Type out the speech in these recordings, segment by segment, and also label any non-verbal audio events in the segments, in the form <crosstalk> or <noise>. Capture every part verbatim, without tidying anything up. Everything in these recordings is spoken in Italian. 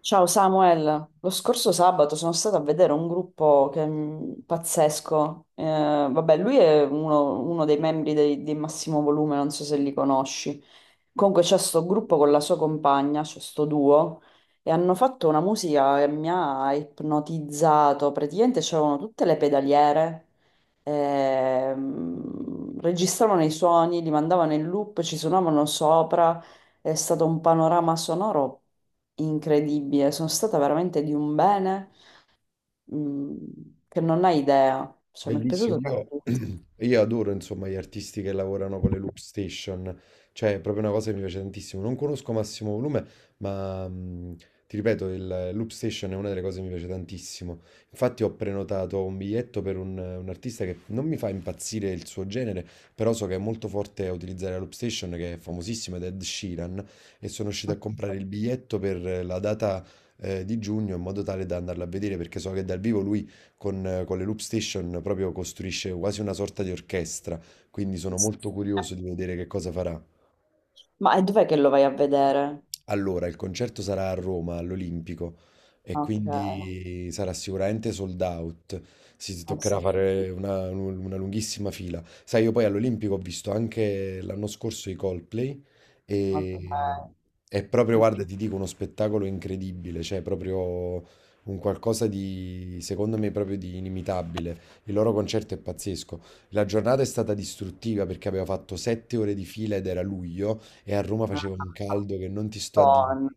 Ciao Samuel, lo scorso sabato sono stata a vedere un gruppo che è pazzesco. Eh, vabbè, lui è uno, uno dei membri dei, di Massimo Volume, non so se li conosci. Comunque c'è sto gruppo con la sua compagna, c'è sto duo, e hanno fatto una musica che mi ha ipnotizzato. Praticamente c'erano tutte le pedaliere, ehm, registravano i suoni, li mandavano in loop, ci suonavano sopra, è stato un panorama sonoro incredibile, sono stata veramente di un bene, mm, che non hai idea, cioè mi è Bellissimo, piaciuto io, tantissimo. <clears throat> io adoro insomma gli artisti che lavorano con le loop station, cioè è proprio una cosa che mi piace tantissimo. Non conosco Massimo Volume, ma mh, ti ripeto, il loop station è una delle cose che mi piace tantissimo. Infatti ho prenotato un biglietto per un, un artista che non mi fa impazzire il suo genere, però so che è molto forte a utilizzare la loop station, che è famosissima, ed è Ed Sheeran, e sono riuscito a comprare il biglietto per la data eh, di giugno in modo tale da andarla a vedere, perché so che dal vivo lui con, con le Loop Station proprio costruisce quasi una sorta di orchestra, quindi sono molto curioso di vedere che cosa farà. Ma e dov'è che lo vai a vedere? Allora, il concerto sarà a Roma, all'Olimpico, e Ok, eh quindi sarà sicuramente sold out. Si toccherà sì, fare una, una lunghissima fila. Sai, io poi all'Olimpico ho visto anche l'anno scorso i Coldplay ok, e è proprio, guarda, ti dico, uno spettacolo incredibile, cioè proprio un qualcosa di, secondo me, proprio di inimitabile. Il loro concerto è pazzesco. La giornata è stata distruttiva perché aveva fatto sette ore di fila ed era luglio. E a Roma faceva un caldo che non ti sto a dire. Madonna.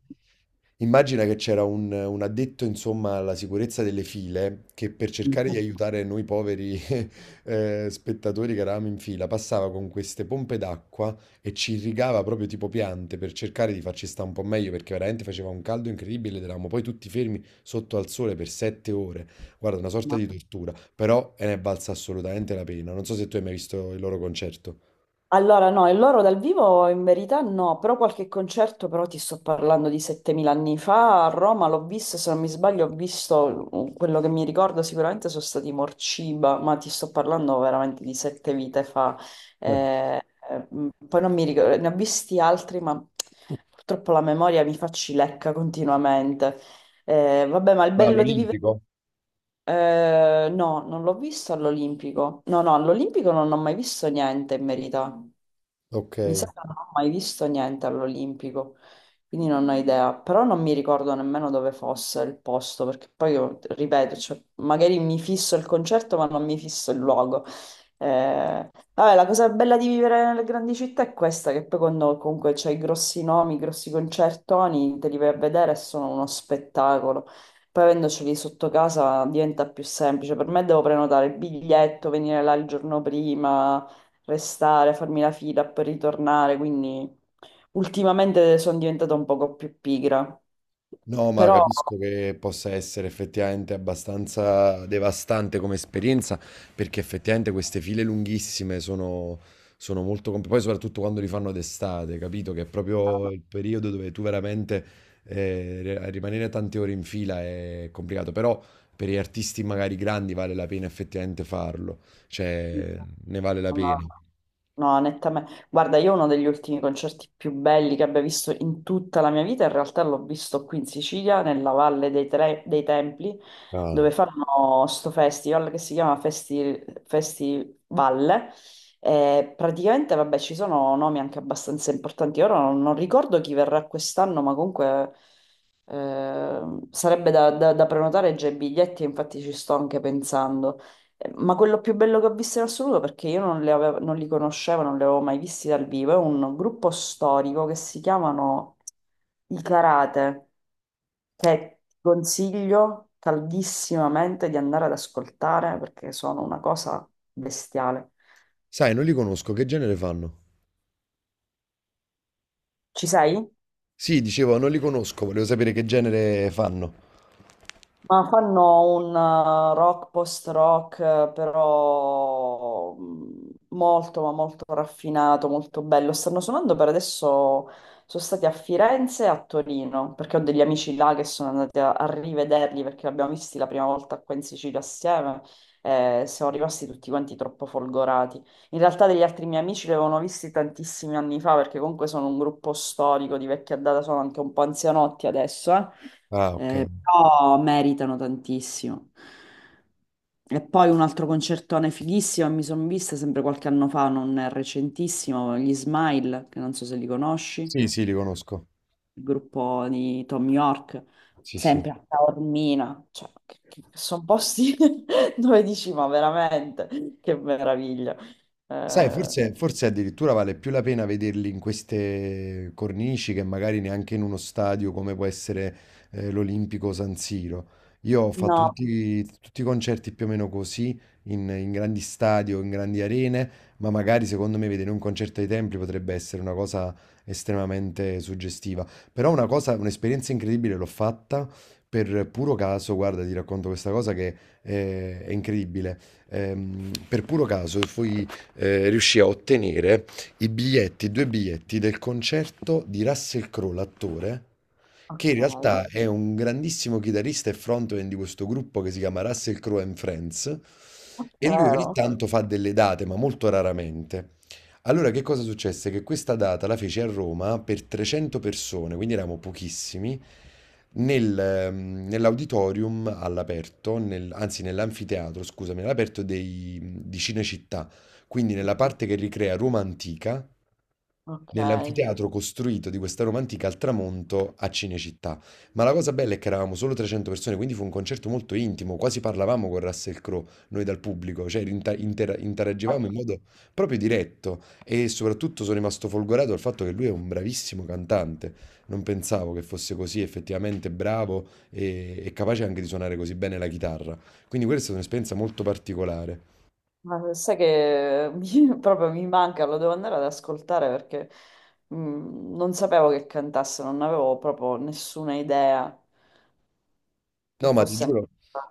Immagina che c'era un, un addetto, insomma, alla sicurezza delle file che per cercare di aiutare noi poveri <laughs> eh, spettatori che eravamo in fila passava con queste pompe d'acqua e ci irrigava proprio tipo piante per cercare di farci stare un po' meglio perché veramente faceva un caldo incredibile ed eravamo poi tutti fermi sotto al sole per sette ore. Guarda, una sorta di tortura, però eh, ne è valsa assolutamente la pena. Non so se tu hai mai visto il loro concerto. Allora, no, e loro dal vivo in verità no, però qualche concerto, però ti sto parlando di settemila anni fa. A Roma l'ho visto, se non mi sbaglio, ho visto, uh, quello che mi ricordo sicuramente sono stati i Morciba, ma ti sto parlando veramente di sette vite fa. Eh. Eh, eh, m, poi non mi ricordo, ne ho visti altri, ma purtroppo la memoria mi fa cilecca continuamente. Eh, vabbè, ma il Ma bello di vivere... all'Olimpico? eh, no, non l'ho visto all'Olimpico. No, no, all'Olimpico non ho mai visto niente in verità. Ok. Mi sa che non ho mai visto niente all'Olimpico, quindi non ho idea, però non mi ricordo nemmeno dove fosse il posto, perché poi io, ripeto, cioè, magari mi fisso il concerto, ma non mi fisso il luogo. Eh, vabbè, la cosa bella di vivere nelle grandi città è questa, che poi quando comunque c'hai i grossi nomi, i grossi concertoni, te li vai a vedere e sono uno spettacolo. Poi avendoceli sotto casa diventa più semplice. Per me devo prenotare il biglietto, venire là il giorno prima, restare, farmi la fila per ritornare, quindi ultimamente sono diventata un poco più pigra, No, ma però capisco che possa essere effettivamente abbastanza devastante come esperienza, perché effettivamente queste file lunghissime sono, sono molto complicate, poi soprattutto quando li fanno d'estate, capito? Che è proprio il periodo dove tu veramente eh, re- rimanere tante ore in fila è complicato, però per gli artisti magari grandi vale la pena effettivamente farlo, no, cioè ne vale la pena. no, nettamente. Guarda, io uno degli ultimi concerti più belli che abbia visto in tutta la mia vita, in realtà l'ho visto qui in Sicilia, nella Valle dei, Tre- dei Templi, Ah. dove fanno sto festival che si chiama Festi, Festival. E praticamente, vabbè, ci sono nomi anche abbastanza importanti. Ora non, non ricordo chi verrà quest'anno, ma comunque eh, sarebbe da, da- da prenotare già i biglietti, infatti ci sto anche pensando. Ma quello più bello che ho visto in assoluto, perché io non, le avevo- non li conoscevo, non li avevo mai visti dal vivo, è un gruppo storico che si chiamano I Karate, che ti consiglio caldissimamente di andare ad ascoltare perché sono una cosa bestiale. Sai, non li conosco, che genere fanno? Ci sei? Sì, dicevo, non li conosco, volevo sapere che genere fanno. Ma fanno un eh, rock post-rock, eh, però mm, molto, ma molto raffinato, molto bello. Stanno suonando per adesso, sono stati a Firenze e a Torino, perché ho degli amici là che sono andati a, a rivederli, perché li abbiamo visti la prima volta qua in Sicilia assieme, e siamo rimasti tutti quanti troppo folgorati. In realtà degli altri miei amici li avevano visti tantissimi anni fa, perché comunque sono un gruppo storico di vecchia data, sono anche un po' anzianotti adesso, eh Ah, okay. eh, però meritano tantissimo. E poi un altro concertone fighissimo, che mi sono vista sempre qualche anno fa, non è recentissimo, gli Smile, che non so se li conosci, il Sì, sì, li conosco. gruppo di Tom York, Sì, sì. sempre a Taormina, cioè, sono posti <laughs> dove dici, ma veramente, che meraviglia. Sai, Eh, forse, forse addirittura vale più la pena vederli in queste cornici che magari neanche in uno stadio come può essere eh, l'Olimpico San Siro. Io ho fatto no, tutti, tutti i concerti più o meno così, in, in grandi stadi o in grandi arene, ma magari secondo me vedere un concerto ai templi potrebbe essere una cosa estremamente suggestiva. Però una cosa, un'esperienza incredibile l'ho fatta per puro caso, guarda, ti racconto questa cosa che eh, è incredibile. Ehm, per puro caso fui eh, riuscì a ottenere i biglietti, due biglietti del concerto di Russell Crowe, l'attore, che in ok, realtà è un grandissimo chitarrista e frontman di questo gruppo che si chiama Russell Crowe and Friends. ah, E lui ogni vero, tanto fa delle date, ma molto raramente. Allora, che cosa successe? Che questa data la fece a Roma per trecento persone, quindi eravamo pochissimi, nel, ehm, nell'auditorium all'aperto, nel- anzi nell'anfiteatro, scusami, all'aperto dei- di Cinecittà, quindi nella parte che ricrea Roma antica, ok. nell'anfiteatro costruito di questa Roma antica al tramonto a Cinecittà. Ma la cosa bella è che eravamo solo trecento persone, quindi fu un concerto molto intimo, quasi parlavamo con Russell Crowe, noi dal pubblico, cioè inter- inter- interagivamo in modo proprio diretto e soprattutto sono rimasto folgorato dal fatto che lui è un bravissimo cantante. Non pensavo che fosse così effettivamente bravo e, e capace anche di suonare così bene la chitarra. Quindi questa è stata un'esperienza molto particolare. Ma sai che mi- <laughs> proprio mi manca, lo devo andare ad ascoltare perché mm, non sapevo che cantasse, non avevo proprio nessuna idea che No, ma ti fosse giuro.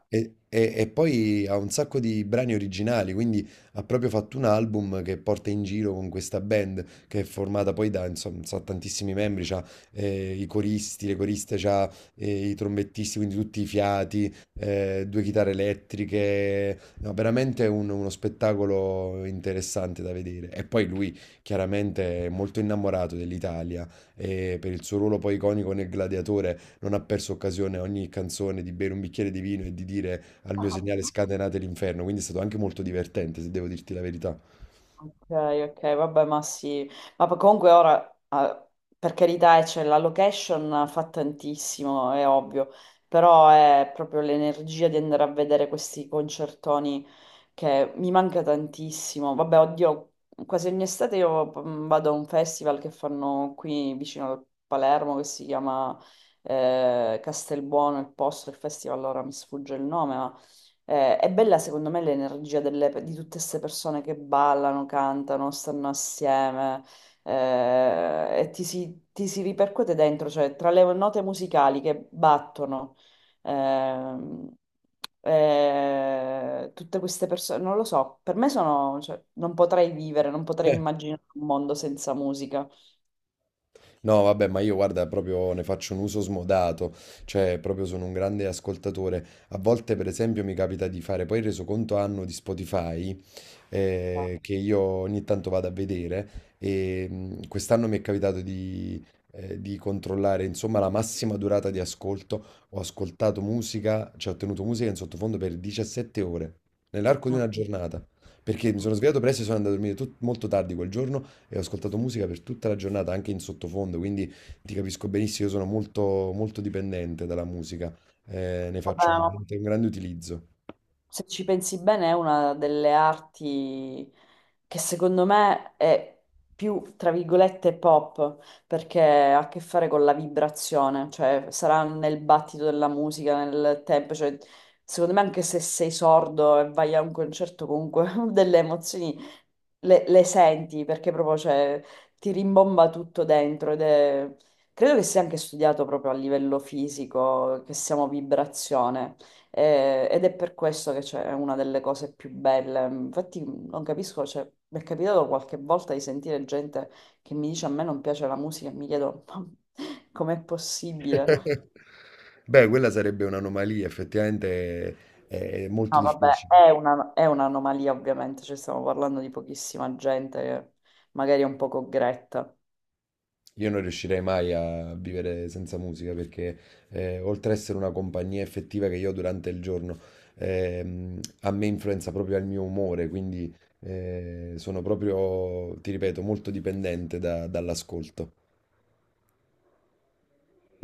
E, e- e poi ha un sacco di brani originali, quindi ha proprio fatto un album che porta in giro con questa band che è formata poi da, insomma, so, tantissimi membri, c'ha eh, i coristi, le coriste, c'ha eh, i trombettisti, quindi tutti i fiati, eh, due chitarre elettriche, no, veramente un- uno spettacolo interessante da vedere. E poi lui chiaramente è molto innamorato dell'Italia e per il suo ruolo poi iconico nel Gladiatore non ha perso occasione a ogni canzone di bere un bicchiere di vino e di dire al mio ancora. segnale <laughs> scatenate l'inferno, quindi è stato anche molto divertente, se devo dirti la verità. Ok, ok, vabbè, ma sì, ma poi comunque ora, eh, per carità, eh, cioè, la location fa tantissimo, è ovvio, però è proprio l'energia di andare a vedere questi concertoni che mi manca tantissimo. Vabbè, oddio, quasi ogni estate io mm, vado a un festival che fanno qui vicino a Palermo, che si chiama eh, Castelbuono, il posto, il festival, ora mi sfugge il nome, eh, è bella secondo me l'energia delle- di tutte queste persone che ballano, cantano, stanno assieme, eh, e ti si, ti si ripercuote dentro, cioè tra le note musicali che battono, ehm, eh, tutte queste persone, non lo so, per me sono, cioè, non potrei vivere, non potrei Eh, immaginare un mondo senza musica. No, vabbè, ma io guarda, proprio ne faccio un uso smodato, cioè proprio sono un grande ascoltatore. A volte, per esempio, mi capita di fare poi il resoconto anno di Spotify Eh, eh, che io ogni tanto vado a vedere e mh, quest'anno mi è capitato di, eh, di controllare insomma la massima durata di ascolto. Ho ascoltato musica, cioè ho tenuto musica in sottofondo per diciassette ore, nell'arco di No, una giornata. Perché mi no. sono svegliato presto e sono andato a dormire tut- molto tardi quel giorno e ho ascoltato musica per tutta la giornata, anche in sottofondo, quindi ti capisco benissimo, io sono molto, molto dipendente dalla musica, eh, ne faccio Vabbè, veramente un grande utilizzo. se ci pensi bene, è una delle arti che secondo me è più, tra virgolette, pop, perché ha a che fare con la vibrazione, cioè sarà nel battito della musica, nel tempo, cioè secondo me anche se sei sordo e vai a un concerto comunque <laughs> delle emozioni le, le senti perché proprio cioè, ti rimbomba tutto dentro ed è... Credo che sia anche studiato proprio a livello fisico, che siamo vibrazione, eh, ed è per questo che cioè, è una delle cose più belle. Infatti non capisco, cioè, mi è capitato qualche volta di sentire gente che mi dice a me non piace la musica e mi chiedo ma com'è possibile? <laughs> Beh, quella sarebbe un'anomalia, effettivamente è, è molto No, vabbè, difficile. è una- è un'anomalia ovviamente, cioè, stiamo parlando di pochissima gente che magari è un poco gretta. Io non riuscirei mai a vivere senza musica perché eh, oltre a essere una compagnia effettiva che io ho durante il giorno, ehm, a me influenza proprio il mio umore, quindi eh, sono proprio, ti ripeto, molto dipendente da- dall'ascolto.